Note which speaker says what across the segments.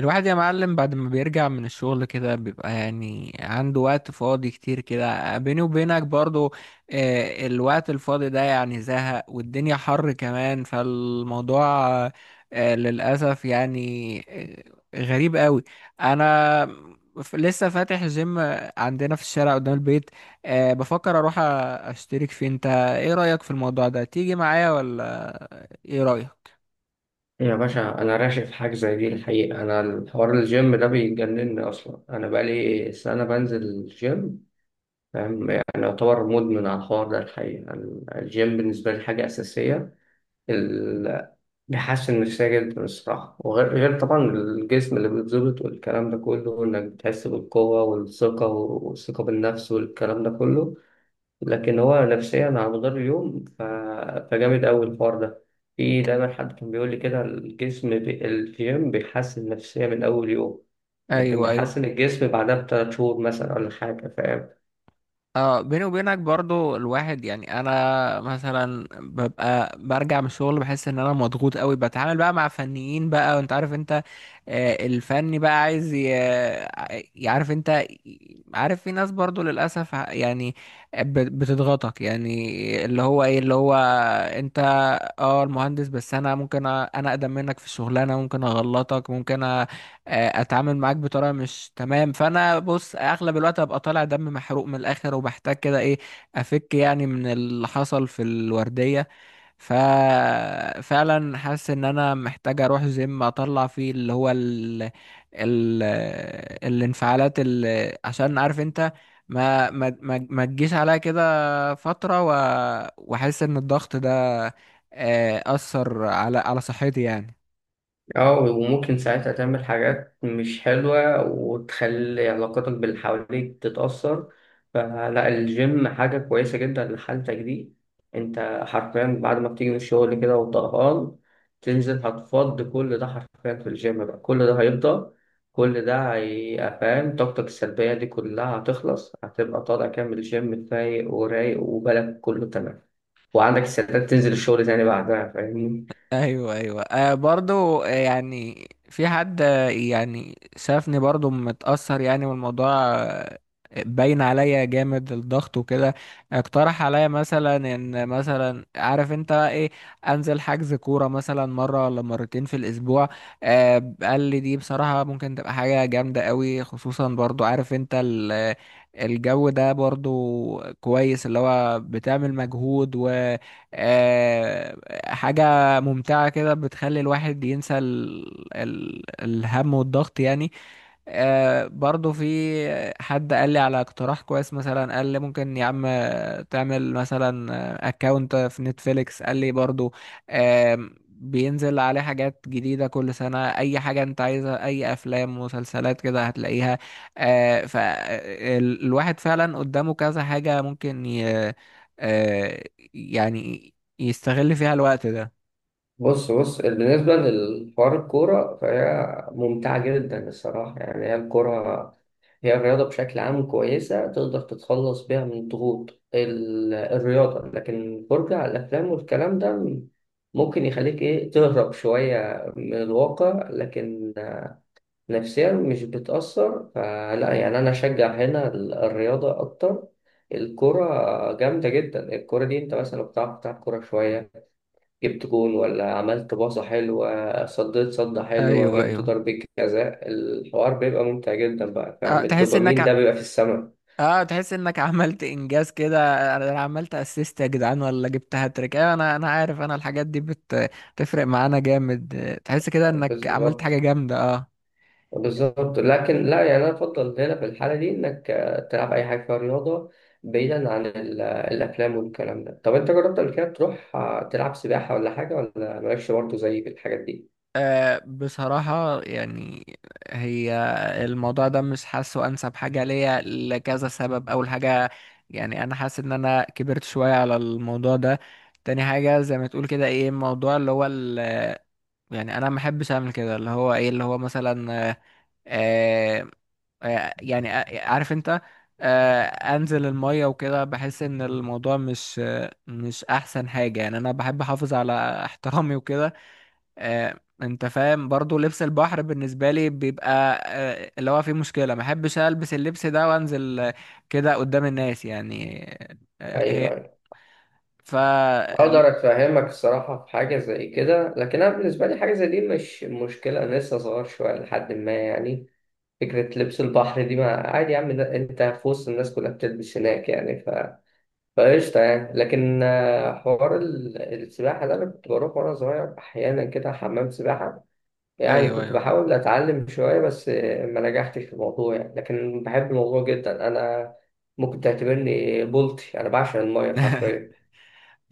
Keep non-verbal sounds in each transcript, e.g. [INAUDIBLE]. Speaker 1: الواحد يا معلم، بعد ما بيرجع من الشغل كده بيبقى يعني عنده وقت فاضي كتير كده، بيني وبينك برضو. آه، الوقت الفاضي ده يعني زهق، والدنيا حر كمان، فالموضوع آه، للأسف يعني. آه، غريب قوي. أنا لسه فاتح جيم عندنا في الشارع قدام البيت. آه، بفكر أروح أشترك فيه. أنت إيه رأيك في الموضوع ده، تيجي معايا ولا إيه رأيك؟
Speaker 2: يا باشا، أنا راشق في حاجة زي دي الحقيقة. أنا الحوار الجيم ده بيجنني أصلا، أنا بقالي سنة بنزل الجيم، فاهم؟ يعني يعتبر مدمن على الحوار ده الحقيقة. الجيم بالنسبة لي حاجة أساسية. ال- بيحسن نفسية جدا الصراحة، وغير غير طبعا الجسم اللي بيتظبط والكلام ده كله، وإنك بتحس بالقوة والثقة والثقة بالنفس والكلام ده كله. لكن هو نفسيا على مدار اليوم فجامد أوي الحوار ده. في دايما حد كان بيقول لي كده الجيم بيحسن النفسية من أول يوم. لكن
Speaker 1: أيوه، أيوه.
Speaker 2: بيحسن الجسم بعدها بثلاث شهور مثلا ولا حاجة، فاهم؟
Speaker 1: اه، بيني وبينك برضو الواحد يعني. انا مثلا ببقى برجع من الشغل، بحس ان انا مضغوط قوي، بتعامل بقى مع فنيين بقى، وانت عارف انت. آه، الفني بقى عايز يعرف انت، عارف في ناس برضو للاسف يعني بتضغطك، يعني اللي هو ايه اللي هو انت. اه، المهندس، بس انا ممكن انا اقدم منك في الشغلانه، ممكن اغلطك، ممكن آه، اتعامل معاك بطريقه مش تمام. فانا بص اغلب الوقت ابقى طالع دم، محروق من الاخر، وبحتاج كده ايه، افك يعني من اللي حصل في الورديه. ففعلا حاسس ان انا محتاج اروح جيم اطلع فيه اللي هو ال... الانفعالات، اللي عشان عارف انت، ما تجيش عليا كده فتره، واحس ان الضغط ده اثر على صحتي يعني.
Speaker 2: اه، وممكن ساعتها تعمل حاجات مش حلوة وتخلي علاقتك باللي حواليك تتأثر. فلا، الجيم حاجة كويسة جدا لحالتك دي. انت حرفيا بعد ما بتيجي من الشغل كده وطهقان، تنزل هتفض كل ده حرفيا في الجيم بقى، كل ده هيفضى، كل ده هيبقى فاهم؟ طاقتك السلبية دي كلها هتخلص، هتبقى طالع كامل الجيم فايق ورايق وبالك كله تمام، وعندك استعداد تنزل الشغل تاني بعدها، فاهمني؟
Speaker 1: ايوه، ايوه. آه، برضو، آه يعني في حد يعني شافني برضو متأثر، يعني والموضوع آه، باين عليا جامد الضغط وكده. اقترح عليا مثلا ان، مثلا عارف انت ايه، انزل حجز كورة مثلا مرة ولا مرتين في الاسبوع. آه، قال لي دي بصراحة ممكن تبقى حاجة جامدة قوي، خصوصا برضو عارف انت الجو ده برضو كويس، اللي هو بتعمل مجهود، و آه، حاجة ممتعة كده بتخلي الواحد ينسى الهم والضغط يعني. آه، برضو في حد قال لي على اقتراح كويس. مثلا قال لي ممكن يا عم تعمل مثلا اكاونت في نتفليكس. قال لي برضو آه، بينزل عليه حاجات جديدة كل سنة، أي حاجة أنت عايزها، أي أفلام مسلسلات كده هتلاقيها. آه، فالواحد فعلا قدامه كذا حاجة ممكن آه، يعني يستغل فيها الوقت ده.
Speaker 2: بص بص، بالنسبة للحوار الكورة فهي ممتعة جدا الصراحة، يعني هي الكورة، هي الرياضة بشكل عام كويسة، تقدر تتخلص بيها من الضغوط الرياضة. لكن الفرجة على الأفلام والكلام ده، ممكن يخليك إيه تهرب شوية من الواقع، لكن نفسيا مش بتأثر، فلا يعني أنا أشجع هنا الرياضة أكتر. الكرة جامدة جدا الكرة دي، أنت مثلا لو بتعرف تلعب كورة شوية، جبت جون ولا عملت باصة حلوة، صديت صدة حلوة،
Speaker 1: ايوه،
Speaker 2: جبت
Speaker 1: ايوه.
Speaker 2: ضربة جزاء، الحوار بيبقى ممتع جدا بقى،
Speaker 1: آه،
Speaker 2: فاهم؟
Speaker 1: تحس انك
Speaker 2: الدوبامين ده بيبقى في السماء.
Speaker 1: اه، تحس انك عملت انجاز كده. أنا عملت اسيست يا جدعان، ولا جبت هاتريك. ايوه، انا عارف، انا الحاجات دي بتفرق معانا جامد. آه، تحس كده انك عملت حاجة
Speaker 2: بالظبط،
Speaker 1: جامدة. اه.
Speaker 2: بالظبط. لكن لا يعني، أنا أفضل هنا في الحالة دي إنك تلعب أي حاجة فيها رياضة، بعيدا عن الأفلام والكلام ده. طب أنت جربت قبل كده تروح تلعب سباحة ولا حاجة؟ ولا مالكش برضه زي في الحاجات دي؟
Speaker 1: آه، بصراحة يعني، هي الموضوع ده مش حاسه أنسب حاجة ليا لكذا سبب. أول حاجة، يعني أنا حاسس إن أنا كبرت شوية على الموضوع ده. تاني حاجة، زي ما تقول كده إيه، الموضوع اللي هو يعني انا ما بحبش اعمل كده، اللي هو ايه، اللي هو مثلا، آه آه آه، يعني آه، عارف انت آه، انزل المية وكده، بحس ان الموضوع مش، آه، مش احسن حاجة يعني. انا بحب احافظ على احترامي وكده. آه، انت فاهم برضو، لبس البحر بالنسبة لي بيبقى آه، اللي هو فيه مشكلة. ما بحبش البس اللبس ده وانزل آه، كده قدام الناس يعني. آه، آه، هي
Speaker 2: أيوه،
Speaker 1: ف
Speaker 2: اقدر افهمك الصراحه، في حاجه زي كده، لكن انا بالنسبه لي حاجه زي دي مش مشكله، انا لسه صغير شويه لحد ما يعني. فكره لبس البحر دي ما عادي يا عم، انت في وسط الناس كلها بتلبس هناك يعني، فقشطه يعني. لكن حوار السباحه ده، انا كنت بروح وانا صغير احيانا كده حمام سباحه، يعني
Speaker 1: ايوه،
Speaker 2: كنت
Speaker 1: ايوه.
Speaker 2: بحاول اتعلم شويه، بس ما نجحتش في الموضوع يعني، لكن بحب الموضوع جدا انا. ممكن تعتبرني بولتي، انا بعشق الميه
Speaker 1: [LAUGHS]
Speaker 2: حرفيا.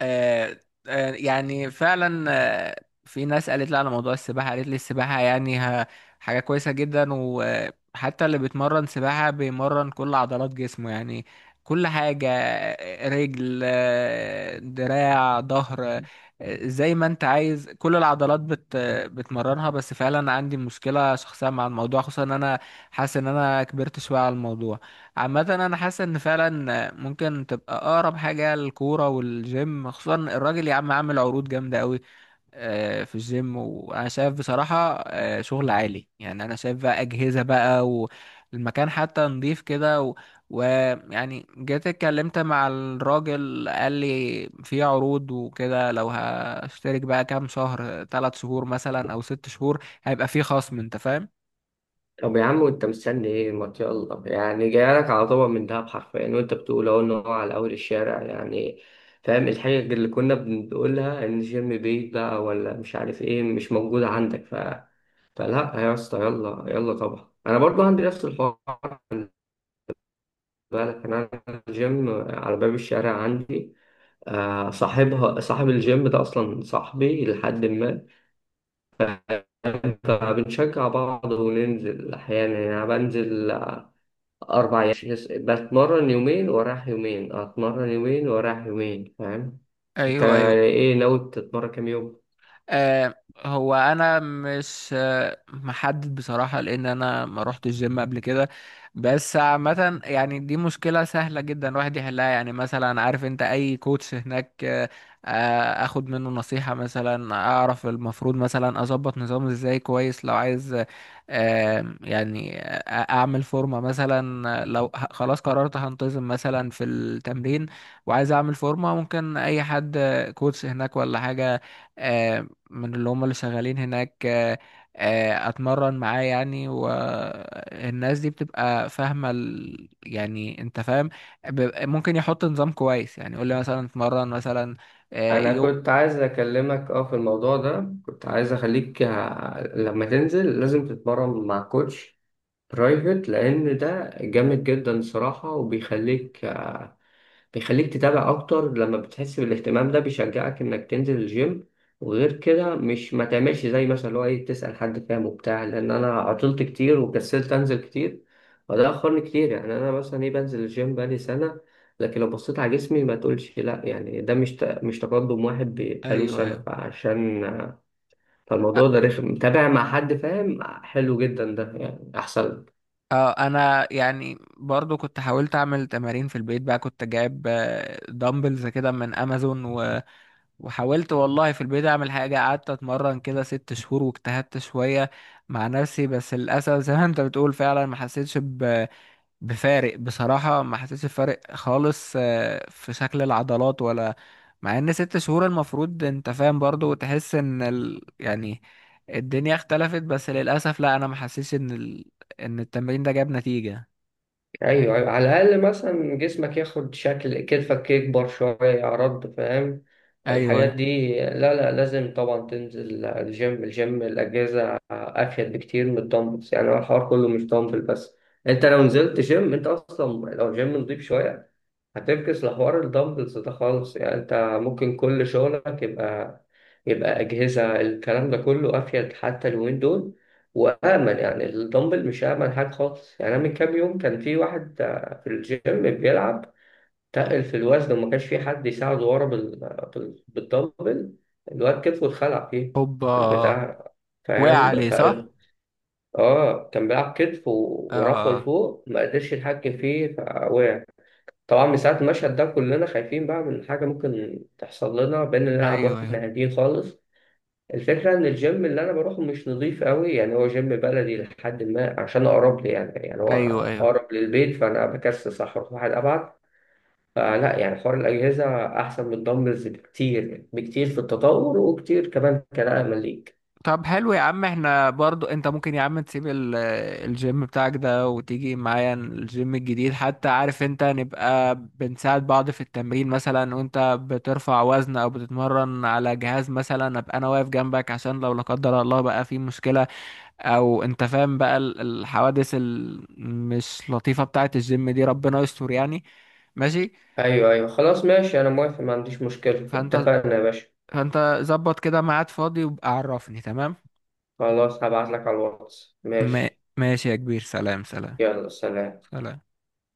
Speaker 1: آه، آه، يعني فعلا. آه، في ناس قالت لي على موضوع السباحة. قالت لي السباحة يعني حاجة كويسة جدا، وحتى اللي بيتمرن سباحة بيمرن كل عضلات جسمه يعني، كل حاجة آه، رجل، آه، دراع، ظهر. آه، زي ما انت عايز كل العضلات بتمرنها. بس فعلا عندي مشكلة شخصية مع الموضوع، خصوصا ان انا حاسس ان انا كبرت شوية على الموضوع. عامة أنا حاسس إن فعلا ممكن تبقى أقرب حاجة الكورة والجيم. خصوصا الراجل يا عم عامل عروض جامدة أوي آه، في الجيم، وأنا شايف بصراحة آه، شغل عالي. يعني أنا شايف بقى أجهزة بقى، والمكان حتى نضيف كده، ويعني جيت اتكلمت مع الراجل، قال لي في عروض وكده، لو هشترك بقى كام شهر، 3 شهور مثلا أو 6 شهور، هيبقى في خصم، أنت فاهم؟
Speaker 2: طب يا عم، وانت مستني ايه؟ ما يلا يعني، جايلك على طبق من دهب حرفيا، وانت بتقول اهو ان هو على اول الشارع يعني، فاهم الحاجة اللي كنا بنقولها؟ ان جيم بيت بقى ولا مش عارف ايه مش موجودة عندك. فلا يا اسطى، يلا يلا طبعا، انا برضو عندي نفس الحوار. خد بالك، انا الجيم على باب الشارع عندي، صاحب الجيم ده اصلا صاحبي لحد ما، فبنشجع بعض وننزل احيانا. يعني أنا بنزل أربع أيام، بتمرن يومين وراح يومين، أتمرن يومين وراح يومين، فاهم؟ أنت
Speaker 1: ايوه، ايوه.
Speaker 2: إيه ناوي تتمرن كام يوم؟
Speaker 1: آه، هو انا مش، آه، محدد بصراحة، لان انا ما روحتش الجيم قبل كده. بس عامة يعني دي مشكلة سهلة جدا الواحد يحلها. يعني مثلا عارف انت اي كوتش هناك، آه، آه، اخد منه نصيحة مثلا، اعرف المفروض مثلا اظبط نظامي ازاي كويس. لو عايز آه، يعني آه، اعمل فورمة مثلا، آه، لو خلاص قررت هنتظم مثلا في التمرين، وعايز اعمل فورمة، ممكن اي حد آه، كوتش هناك ولا حاجة آه، من اللي هم اللي شغالين هناك، آه، آه، اتمرن معاه يعني. والناس دي بتبقى فاهمة يعني انت فاهم، ممكن يحط نظام كويس. يعني يقول لي مثلا اتمرن مثلا آه،
Speaker 2: أنا كنت عايز أكلمك في الموضوع ده، كنت عايز أخليك، لما تنزل لازم تتمرن مع كوتش برايفت، لان ده جامد جدا الصراحه. وبيخليك آه، بيخليك تتابع اكتر، لما بتحس بالاهتمام ده بيشجعك انك تنزل الجيم. وغير كده، مش ما تعملش زي مثلا اللي هو ايه، تسأل حد فاهم وبتاع، لان انا عطلت كتير وكسلت انزل كتير، وده اخرني كتير. يعني انا مثلا ايه بنزل الجيم بقالي سنة، لكن لو بصيت على جسمي ما تقولش لا يعني، ده مش مش تقدم واحد بقاله
Speaker 1: ايوه،
Speaker 2: سنة،
Speaker 1: ايوه.
Speaker 2: فالموضوع ده رخم، متابع مع حد فاهم حلو جدا ده يعني، احسن.
Speaker 1: اه، انا يعني برضو كنت حاولت اعمل تمارين في البيت بقى، كنت جايب دامبلز كده من امازون، وحاولت والله في البيت اعمل حاجة. قعدت اتمرن كده 6 شهور واجتهدت شوية مع نفسي، بس للاسف زي ما انت بتقول فعلا ما حسيتش بفارق، بصراحة ما حسيتش بفارق خالص آه، في شكل العضلات ولا، مع ان 6 شهور المفروض انت فاهم برضو تحس ان يعني الدنيا اختلفت، بس للأسف لا، انا ما حسيتش ان ان التمرين ده جاب نتيجة.
Speaker 2: ايوه، ايوه، على الاقل مثلا جسمك ياخد شكل، كتفك يكبر شويه عرض، فاهم؟
Speaker 1: ايوه، أيوة.
Speaker 2: الحاجات دي، لا لا، لازم طبعا تنزل الجيم. الجيم الاجهزه افيد بكتير من الدمبلز، يعني هو الحوار كله مش دمبل بس. انت لو نزلت جيم، انت اصلا لو جيم نضيف شويه هتفكس لحوار الدمبلز ده خالص يعني. انت ممكن كل شغلك يبقى، اجهزه، الكلام ده كله افيد حتى اليومين دول، وآمن. يعني الدمبل مش آمن حاجة خالص، يعني أنا من كام يوم كان في واحد في الجيم بيلعب تقل في الوزن، وما كانش في حد يساعده ورا بالدمبل. الواد كتفه اتخلع فيه
Speaker 1: هوبا.
Speaker 2: البتاع،
Speaker 1: وقع
Speaker 2: فاهم؟
Speaker 1: عليه صح؟
Speaker 2: اه، كان بيلعب كتف ورفعه
Speaker 1: اه،
Speaker 2: لفوق ما قدرش يتحكم فيه فوقع. طبعا من ساعة المشهد ده كلنا خايفين بقى من حاجة ممكن تحصل لنا، بقينا نلعب
Speaker 1: ايوه،
Speaker 2: واحنا
Speaker 1: ايوه،
Speaker 2: هاديين خالص. الفكرة إن الجيم اللي أنا بروحه مش نظيف قوي، يعني هو جيم بلدي لحد ما عشان أقرب لي، يعني هو
Speaker 1: ايوه، ايوه.
Speaker 2: أقرب للبيت، فأنا بكسس أروح واحد أبعد. فلا يعني، حوار الأجهزة أحسن من الدمبلز بكتير بكتير في التطور، وكتير كمان كنقلة ليك.
Speaker 1: طب حلو يا عم، احنا برضو، انت ممكن يا عم تسيب الجيم بتاعك ده وتيجي معايا الجيم الجديد. حتى عارف انت نبقى بنساعد بعض في التمرين، مثلا وانت بترفع وزن او بتتمرن على جهاز مثلا، ابقى انا واقف جنبك عشان لو لا قدر الله بقى في مشكلة، او انت فاهم بقى الحوادث المش لطيفة بتاعة الجيم دي، ربنا يستر يعني. ماشي.
Speaker 2: أيوه أيوه، خلاص ماشي، أنا موافق، ما عنديش مشكلة،
Speaker 1: فانت
Speaker 2: اتفقنا يا باشا.
Speaker 1: فانت ظبط كده ميعاد فاضي وابقى عرفني، تمام.
Speaker 2: خلاص، هبعتلك على الواتس،
Speaker 1: ما-
Speaker 2: ماشي.
Speaker 1: ماشي يا كبير. سلام، سلام،
Speaker 2: يلا سلام.
Speaker 1: سلام.